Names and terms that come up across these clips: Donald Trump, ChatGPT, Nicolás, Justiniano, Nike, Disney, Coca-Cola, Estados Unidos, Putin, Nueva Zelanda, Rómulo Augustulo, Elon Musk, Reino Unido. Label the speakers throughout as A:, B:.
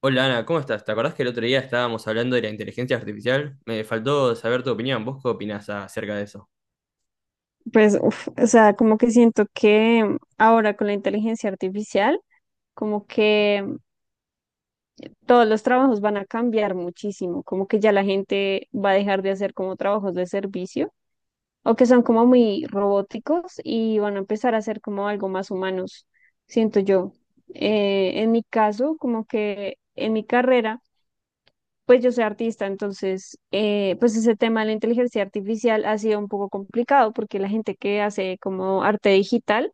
A: Hola Ana, ¿cómo estás? ¿Te acordás que el otro día estábamos hablando de la inteligencia artificial? Me faltó saber tu opinión. ¿Vos qué opinás acerca de eso?
B: Pues, uf, o sea, como que siento que ahora con la inteligencia artificial, como que todos los trabajos van a cambiar muchísimo, como que ya la gente va a dejar de hacer como trabajos de servicio o que son como muy robóticos y van a empezar a hacer como algo más humanos, siento yo. En mi caso, como que en mi carrera, pues yo soy artista, entonces, pues ese tema de la inteligencia artificial ha sido un poco complicado porque la gente que hace como arte digital,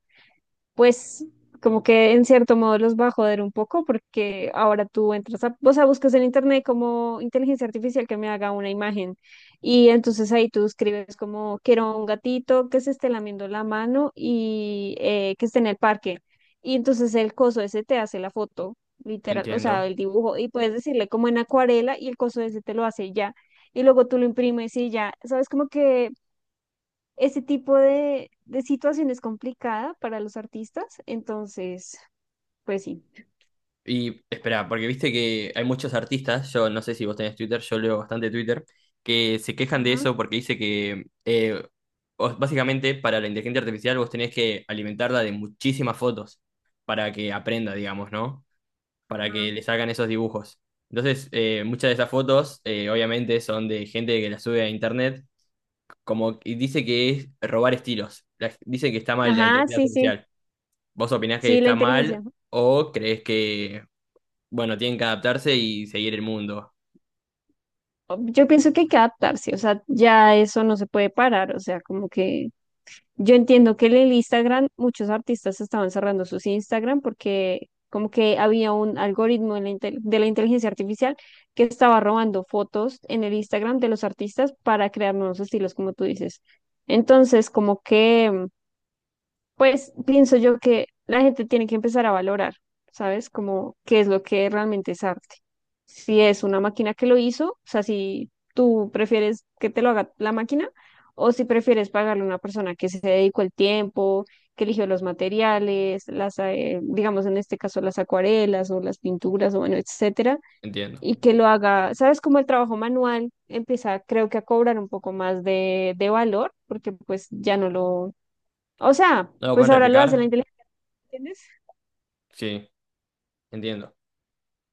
B: pues como que en cierto modo los va a joder un poco porque ahora tú entras a, o sea, buscas en internet como inteligencia artificial que me haga una imagen y entonces ahí tú escribes como quiero un gatito que se esté lamiendo la mano y que esté en el parque y entonces el coso ese te hace la foto
A: No
B: literal, o sea,
A: entiendo.
B: el dibujo y puedes decirle como en acuarela y el coso ese te lo hace ya. Y luego tú lo imprimes y ya, sabes como que ese tipo de situación es complicada para los artistas, entonces, pues sí.
A: Y espera, porque viste que hay muchos artistas, yo no sé si vos tenés Twitter, yo leo bastante Twitter, que se quejan de
B: Ajá,
A: eso porque dice que básicamente para la inteligencia artificial vos tenés que alimentarla de muchísimas fotos para que aprenda, digamos, ¿no? Para que
B: ajá.
A: le salgan esos dibujos. Entonces, muchas de esas fotos obviamente son de gente que las sube a internet como y dice que es robar estilos. Dice que está mal la
B: Ajá,
A: inteligencia
B: sí, sí,
A: artificial. ¿Vos opinás que
B: sí, la
A: está
B: inteligencia.
A: mal o crees que, bueno, tienen que adaptarse y seguir el mundo?
B: Yo pienso que hay que adaptarse, o sea, ya eso no se puede parar, o sea, como que yo entiendo que en el Instagram, muchos artistas estaban cerrando sus Instagram porque como que había un algoritmo de la inteligencia artificial que estaba robando fotos en el Instagram de los artistas para crear nuevos estilos, como tú dices. Entonces, como que pues pienso yo que la gente tiene que empezar a valorar, ¿sabes? Como qué es lo que realmente es arte. Si es una máquina que lo hizo, o sea, si tú prefieres que te lo haga la máquina o si prefieres pagarle a una persona que se dedicó el tiempo, que eligió los materiales, las, digamos en este caso las acuarelas o las pinturas o bueno, etcétera,
A: Entiendo.
B: y que lo haga, ¿sabes? Como el trabajo manual empieza, creo que a cobrar un poco más de valor, porque pues ya no lo, o sea,
A: ¿No lo
B: pues
A: pueden
B: ahora lo hace la
A: replicar?
B: inteligencia, ¿entiendes?
A: Sí, entiendo.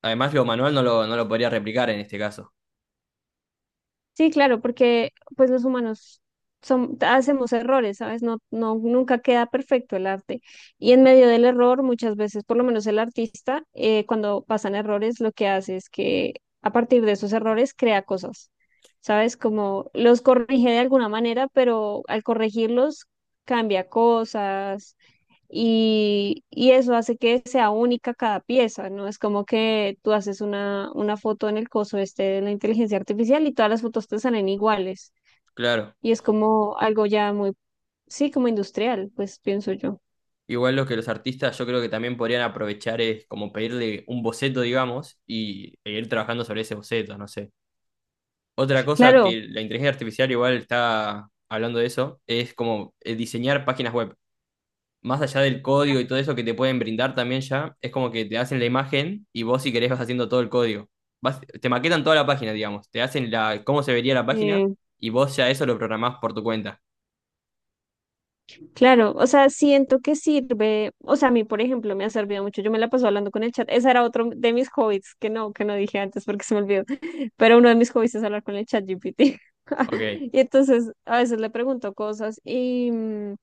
A: Además, lo manual no lo podría replicar en este caso.
B: Sí, claro, porque pues los humanos son, hacemos errores, ¿sabes? No, no, nunca queda perfecto el arte. Y en medio del error, muchas veces, por lo menos el artista, cuando pasan errores, lo que hace es que a partir de esos errores crea cosas, ¿sabes? Como los corrige de alguna manera, pero al corregirlos cambia cosas y eso hace que sea única cada pieza, ¿no? Es como que tú haces una foto en el coso este de la inteligencia artificial y todas las fotos te salen iguales.
A: Claro.
B: Y es como algo ya muy, sí, como industrial, pues pienso yo.
A: Igual lo que los artistas yo creo que también podrían aprovechar es como pedirle un boceto, digamos, y e ir trabajando sobre ese boceto, no sé. Otra cosa
B: Claro.
A: que la inteligencia artificial igual está hablando de eso es como diseñar páginas web. Más allá del código
B: Ajá.
A: y todo eso que te pueden brindar también ya, es como que te hacen la imagen y vos si querés vas haciendo todo el código. Te maquetan toda la página, digamos. Te hacen la, cómo se vería la página
B: eh,
A: y vos ya eso lo programás por tu cuenta.
B: Claro, o sea, siento que sirve, o sea, a mí, por ejemplo, me ha servido mucho, yo me la paso hablando con el chat, ese era otro de mis hobbies, que no dije antes porque se me olvidó, pero uno de mis hobbies es hablar con el chat GPT,
A: Ok.
B: y entonces a veces le pregunto cosas y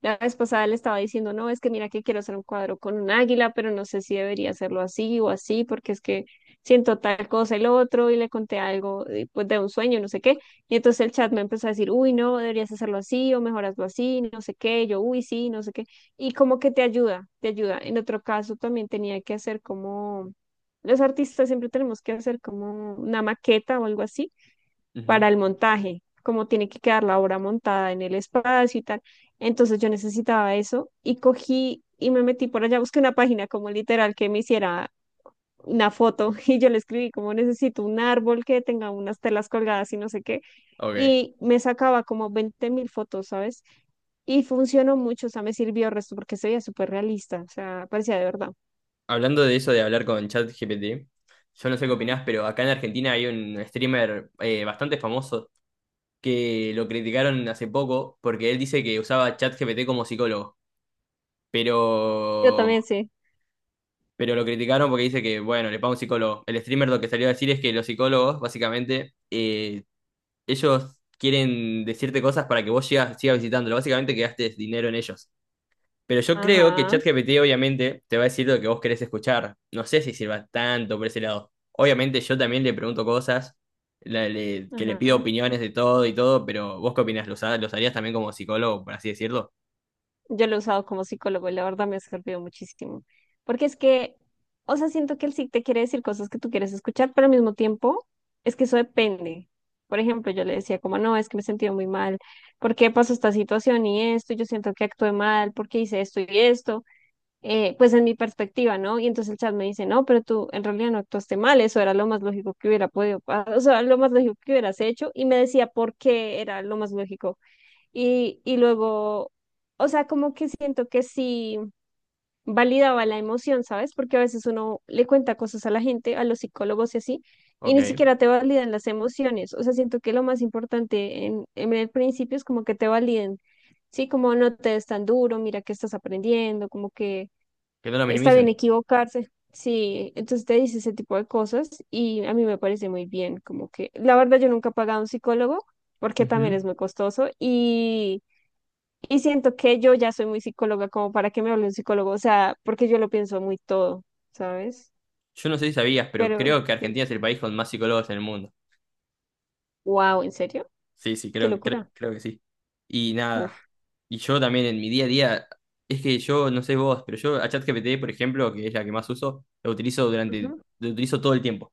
B: la vez pasada le estaba diciendo, no, es que mira que quiero hacer un cuadro con un águila, pero no sé si debería hacerlo así o así, porque es que siento tal cosa y lo otro, y le conté algo pues, de un sueño, no sé qué. Y entonces el chat me empezó a decir, uy, no, deberías hacerlo así, o mejor hazlo así, no sé qué, yo, uy, sí, no sé qué. Y como que te ayuda, te ayuda. En otro caso también tenía que hacer como, los artistas siempre tenemos que hacer como una maqueta o algo así
A: Ujú.
B: para el montaje, como tiene que quedar la obra montada en el espacio y tal. Entonces yo necesitaba eso y cogí y me metí por allá, busqué una página como literal que me hiciera una, foto y yo le escribí como necesito un árbol que tenga unas telas colgadas y no sé qué.
A: Ok.
B: Y me sacaba como 20.000 fotos, ¿sabes? Y funcionó mucho, o sea, me sirvió el resto porque se veía súper realista, o sea, parecía de verdad.
A: Hablando de eso de hablar con ChatGPT, yo no sé qué opinás, pero acá en Argentina hay un streamer bastante famoso que lo criticaron hace poco porque él dice que usaba ChatGPT como psicólogo.
B: Yo
A: Pero
B: también sí.
A: pero lo criticaron porque dice que, bueno, le paga un psicólogo. El streamer lo que salió a decir es que los psicólogos, básicamente, ellos quieren decirte cosas para que vos sigas visitándolo. Básicamente que gastes dinero en ellos. Pero yo creo que
B: Ajá,
A: ChatGPT obviamente te va a decir lo que vos querés escuchar. No sé si sirva tanto por ese lado. Obviamente yo también le pregunto cosas, que le pido
B: ajá.
A: opiniones de todo y todo, pero ¿vos qué opinás? ¿Los, los harías también como psicólogo, por así decirlo?
B: Yo lo he usado como psicólogo y la verdad me ha servido muchísimo. Porque es que, o sea, siento que él sí te quiere decir cosas que tú quieres escuchar, pero al mismo tiempo es que eso depende. Por ejemplo, yo le decía como, no, es que me he sentido muy mal, ¿por qué pasó esta situación y esto? Yo siento que actué mal, ¿por qué hice esto y esto? Pues en mi perspectiva, ¿no? Y entonces el chat me dice, no, pero tú en realidad no actuaste mal, eso era lo más lógico que hubiera podido, pa- o sea, lo más lógico que hubieras hecho, y me decía por qué era lo más lógico y luego, o sea, como que siento que sí validaba la emoción, ¿sabes? Porque a veces uno le cuenta cosas a la gente, a los psicólogos y así, y
A: Ok,
B: ni
A: que
B: siquiera te validan las emociones. O sea, siento que lo más importante en el principio es como que te validen, ¿sí? Como no te des tan duro, mira que estás aprendiendo, como que
A: no lo
B: está bien
A: minimicen.
B: equivocarse. Sí, entonces te dice ese tipo de cosas y a mí me parece muy bien, como que la verdad yo nunca he pagado a un psicólogo porque también
A: Ujú.
B: es muy costoso y... Y siento que yo ya soy muy psicóloga como para que me hable un psicólogo, o sea, porque yo lo pienso muy todo, ¿sabes?
A: Yo no sé si sabías, pero
B: Pero,
A: creo que Argentina es el país con más psicólogos en el mundo.
B: wow, ¿en serio?
A: Sí, sí,
B: Qué locura.
A: creo que sí. Y nada,
B: Uf.
A: y yo también en mi día a día, es que yo, no sé vos, pero yo a ChatGPT, por ejemplo, que es la que más uso,
B: Ujú.
A: lo utilizo todo el tiempo.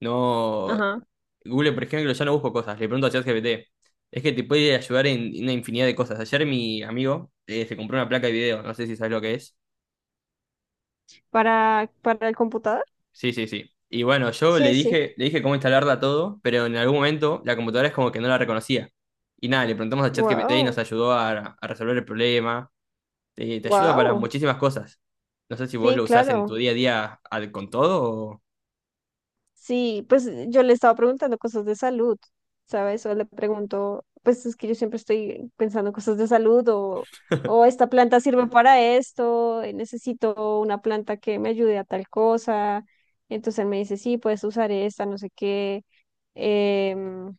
A: No,
B: Ajá.
A: Google, por ejemplo, ya no busco cosas, le pregunto a ChatGPT. Es que te puede ayudar en una infinidad de cosas. Ayer mi amigo se compró una placa de video, no sé si sabes lo que es.
B: Para el computador?
A: Sí, sí, sí. Y bueno,
B: Sí, sí.
A: le dije cómo instalarla todo, pero en algún momento la computadora es como que no la reconocía. Y nada, le preguntamos a ChatGPT y nos
B: Wow,
A: ayudó a resolver el problema. Te ayuda para
B: wow.
A: muchísimas cosas. No sé si vos
B: Sí,
A: lo usás en tu
B: claro.
A: día a día con todo o...
B: Sí, pues yo le estaba preguntando cosas de salud, ¿sabes? O le pregunto, pues es que yo siempre estoy pensando cosas de salud o esta planta sirve para esto, necesito una planta que me ayude a tal cosa. Entonces él me dice, sí, puedes usar esta, no sé qué. Em,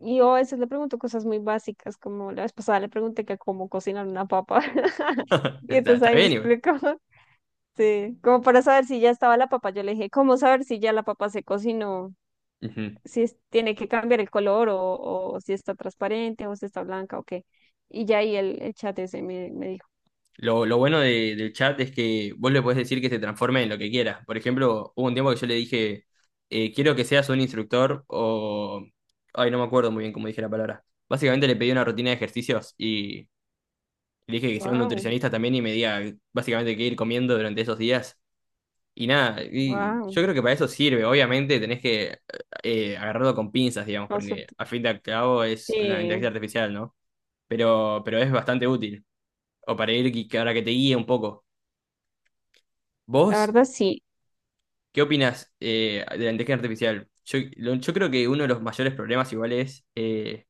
B: y yo a veces le pregunto cosas muy básicas, como la vez pasada le pregunté que cómo cocinar una papa. Y
A: Está,
B: entonces
A: está
B: ahí me
A: bien,
B: explicó, sí, como para saber si ya estaba la papa, yo le dije, ¿cómo saber si ya la papa se cocinó?
A: igual.
B: Si es- tiene que cambiar el color o si está transparente o si está blanca o qué. Y ya ahí el chat ese me dijo,
A: Lo bueno del chat es que vos le podés decir que se transforme en lo que quiera. Por ejemplo, hubo un tiempo que yo le dije, quiero que seas un instructor o... Ay, no me acuerdo muy bien cómo dije la palabra. Básicamente le pedí una rutina de ejercicios y le dije que sea un
B: wow,
A: nutricionista también y me diga básicamente qué ir comiendo durante esos días. Y nada, y
B: wow,
A: yo creo que para eso sirve. Obviamente tenés que agarrarlo con pinzas, digamos, porque a fin de cabo es una inteligencia
B: sí,
A: artificial, ¿no? Pero es bastante útil. O para ir, que ahora que te guíe un poco.
B: la
A: ¿Vos
B: verdad sí.
A: qué opinás de la inteligencia artificial? Yo, yo creo que uno de los mayores problemas igual es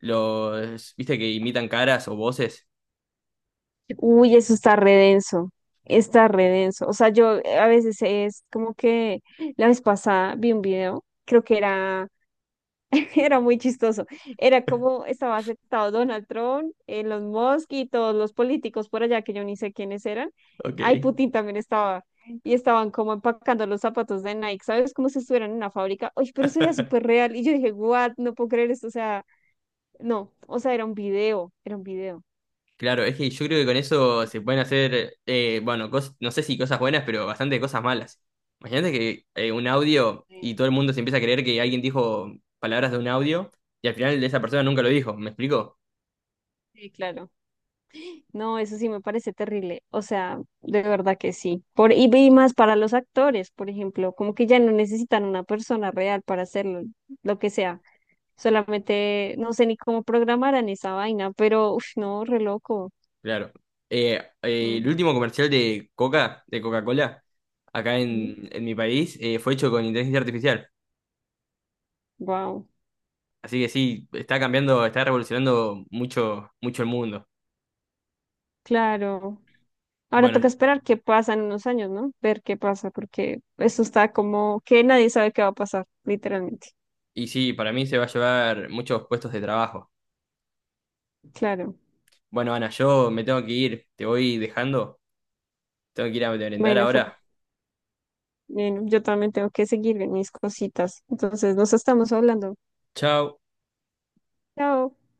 A: los, viste, que imitan caras o voces.
B: Uy, eso está re denso, está re denso. O sea, yo a veces es como que la vez pasada vi un video, creo que era era muy chistoso. Era como estaba aceptado Donald Trump, los Musk y todos los políticos por allá que yo ni sé quiénes eran. Ay,
A: Ok.
B: Putin también estaba. Y estaban como empacando los zapatos de Nike, ¿sabes? Como si estuvieran en una fábrica. Oye, pero eso era súper real. Y yo dije, what, no puedo creer esto. O sea, no, o sea, era un video, era un video.
A: Claro, es que yo creo que con eso se pueden hacer, bueno, no sé si cosas buenas, pero bastante cosas malas. Imagínate que un audio y
B: Sí.
A: todo el mundo se empieza a creer que alguien dijo palabras de un audio y al final esa persona nunca lo dijo, ¿me explico?
B: Sí, claro. No, eso sí me parece terrible. O sea, de verdad que sí. Y más para los actores, por ejemplo, como que ya no necesitan una persona real para hacerlo, lo que sea. Solamente no sé ni cómo programarán esa vaina, pero uff, no, re loco.
A: Claro. El último comercial de Coca, de Coca-Cola, en mi país, fue hecho con inteligencia artificial.
B: Wow,
A: Así que sí, está cambiando, está revolucionando mucho, mucho el mundo.
B: claro. Ahora
A: Bueno,
B: toca esperar qué pasa en unos años, ¿no? Ver qué pasa, porque eso está como que nadie sabe qué va a pasar, literalmente.
A: y sí, para mí se va a llevar muchos puestos de trabajo.
B: Claro.
A: Bueno, Ana, yo me tengo que ir, te voy dejando. Tengo que ir a merendar
B: Bueno,
A: ahora.
B: bueno, yo también tengo que seguir en mis cositas. Entonces, nos estamos hablando.
A: Chao.
B: Chao.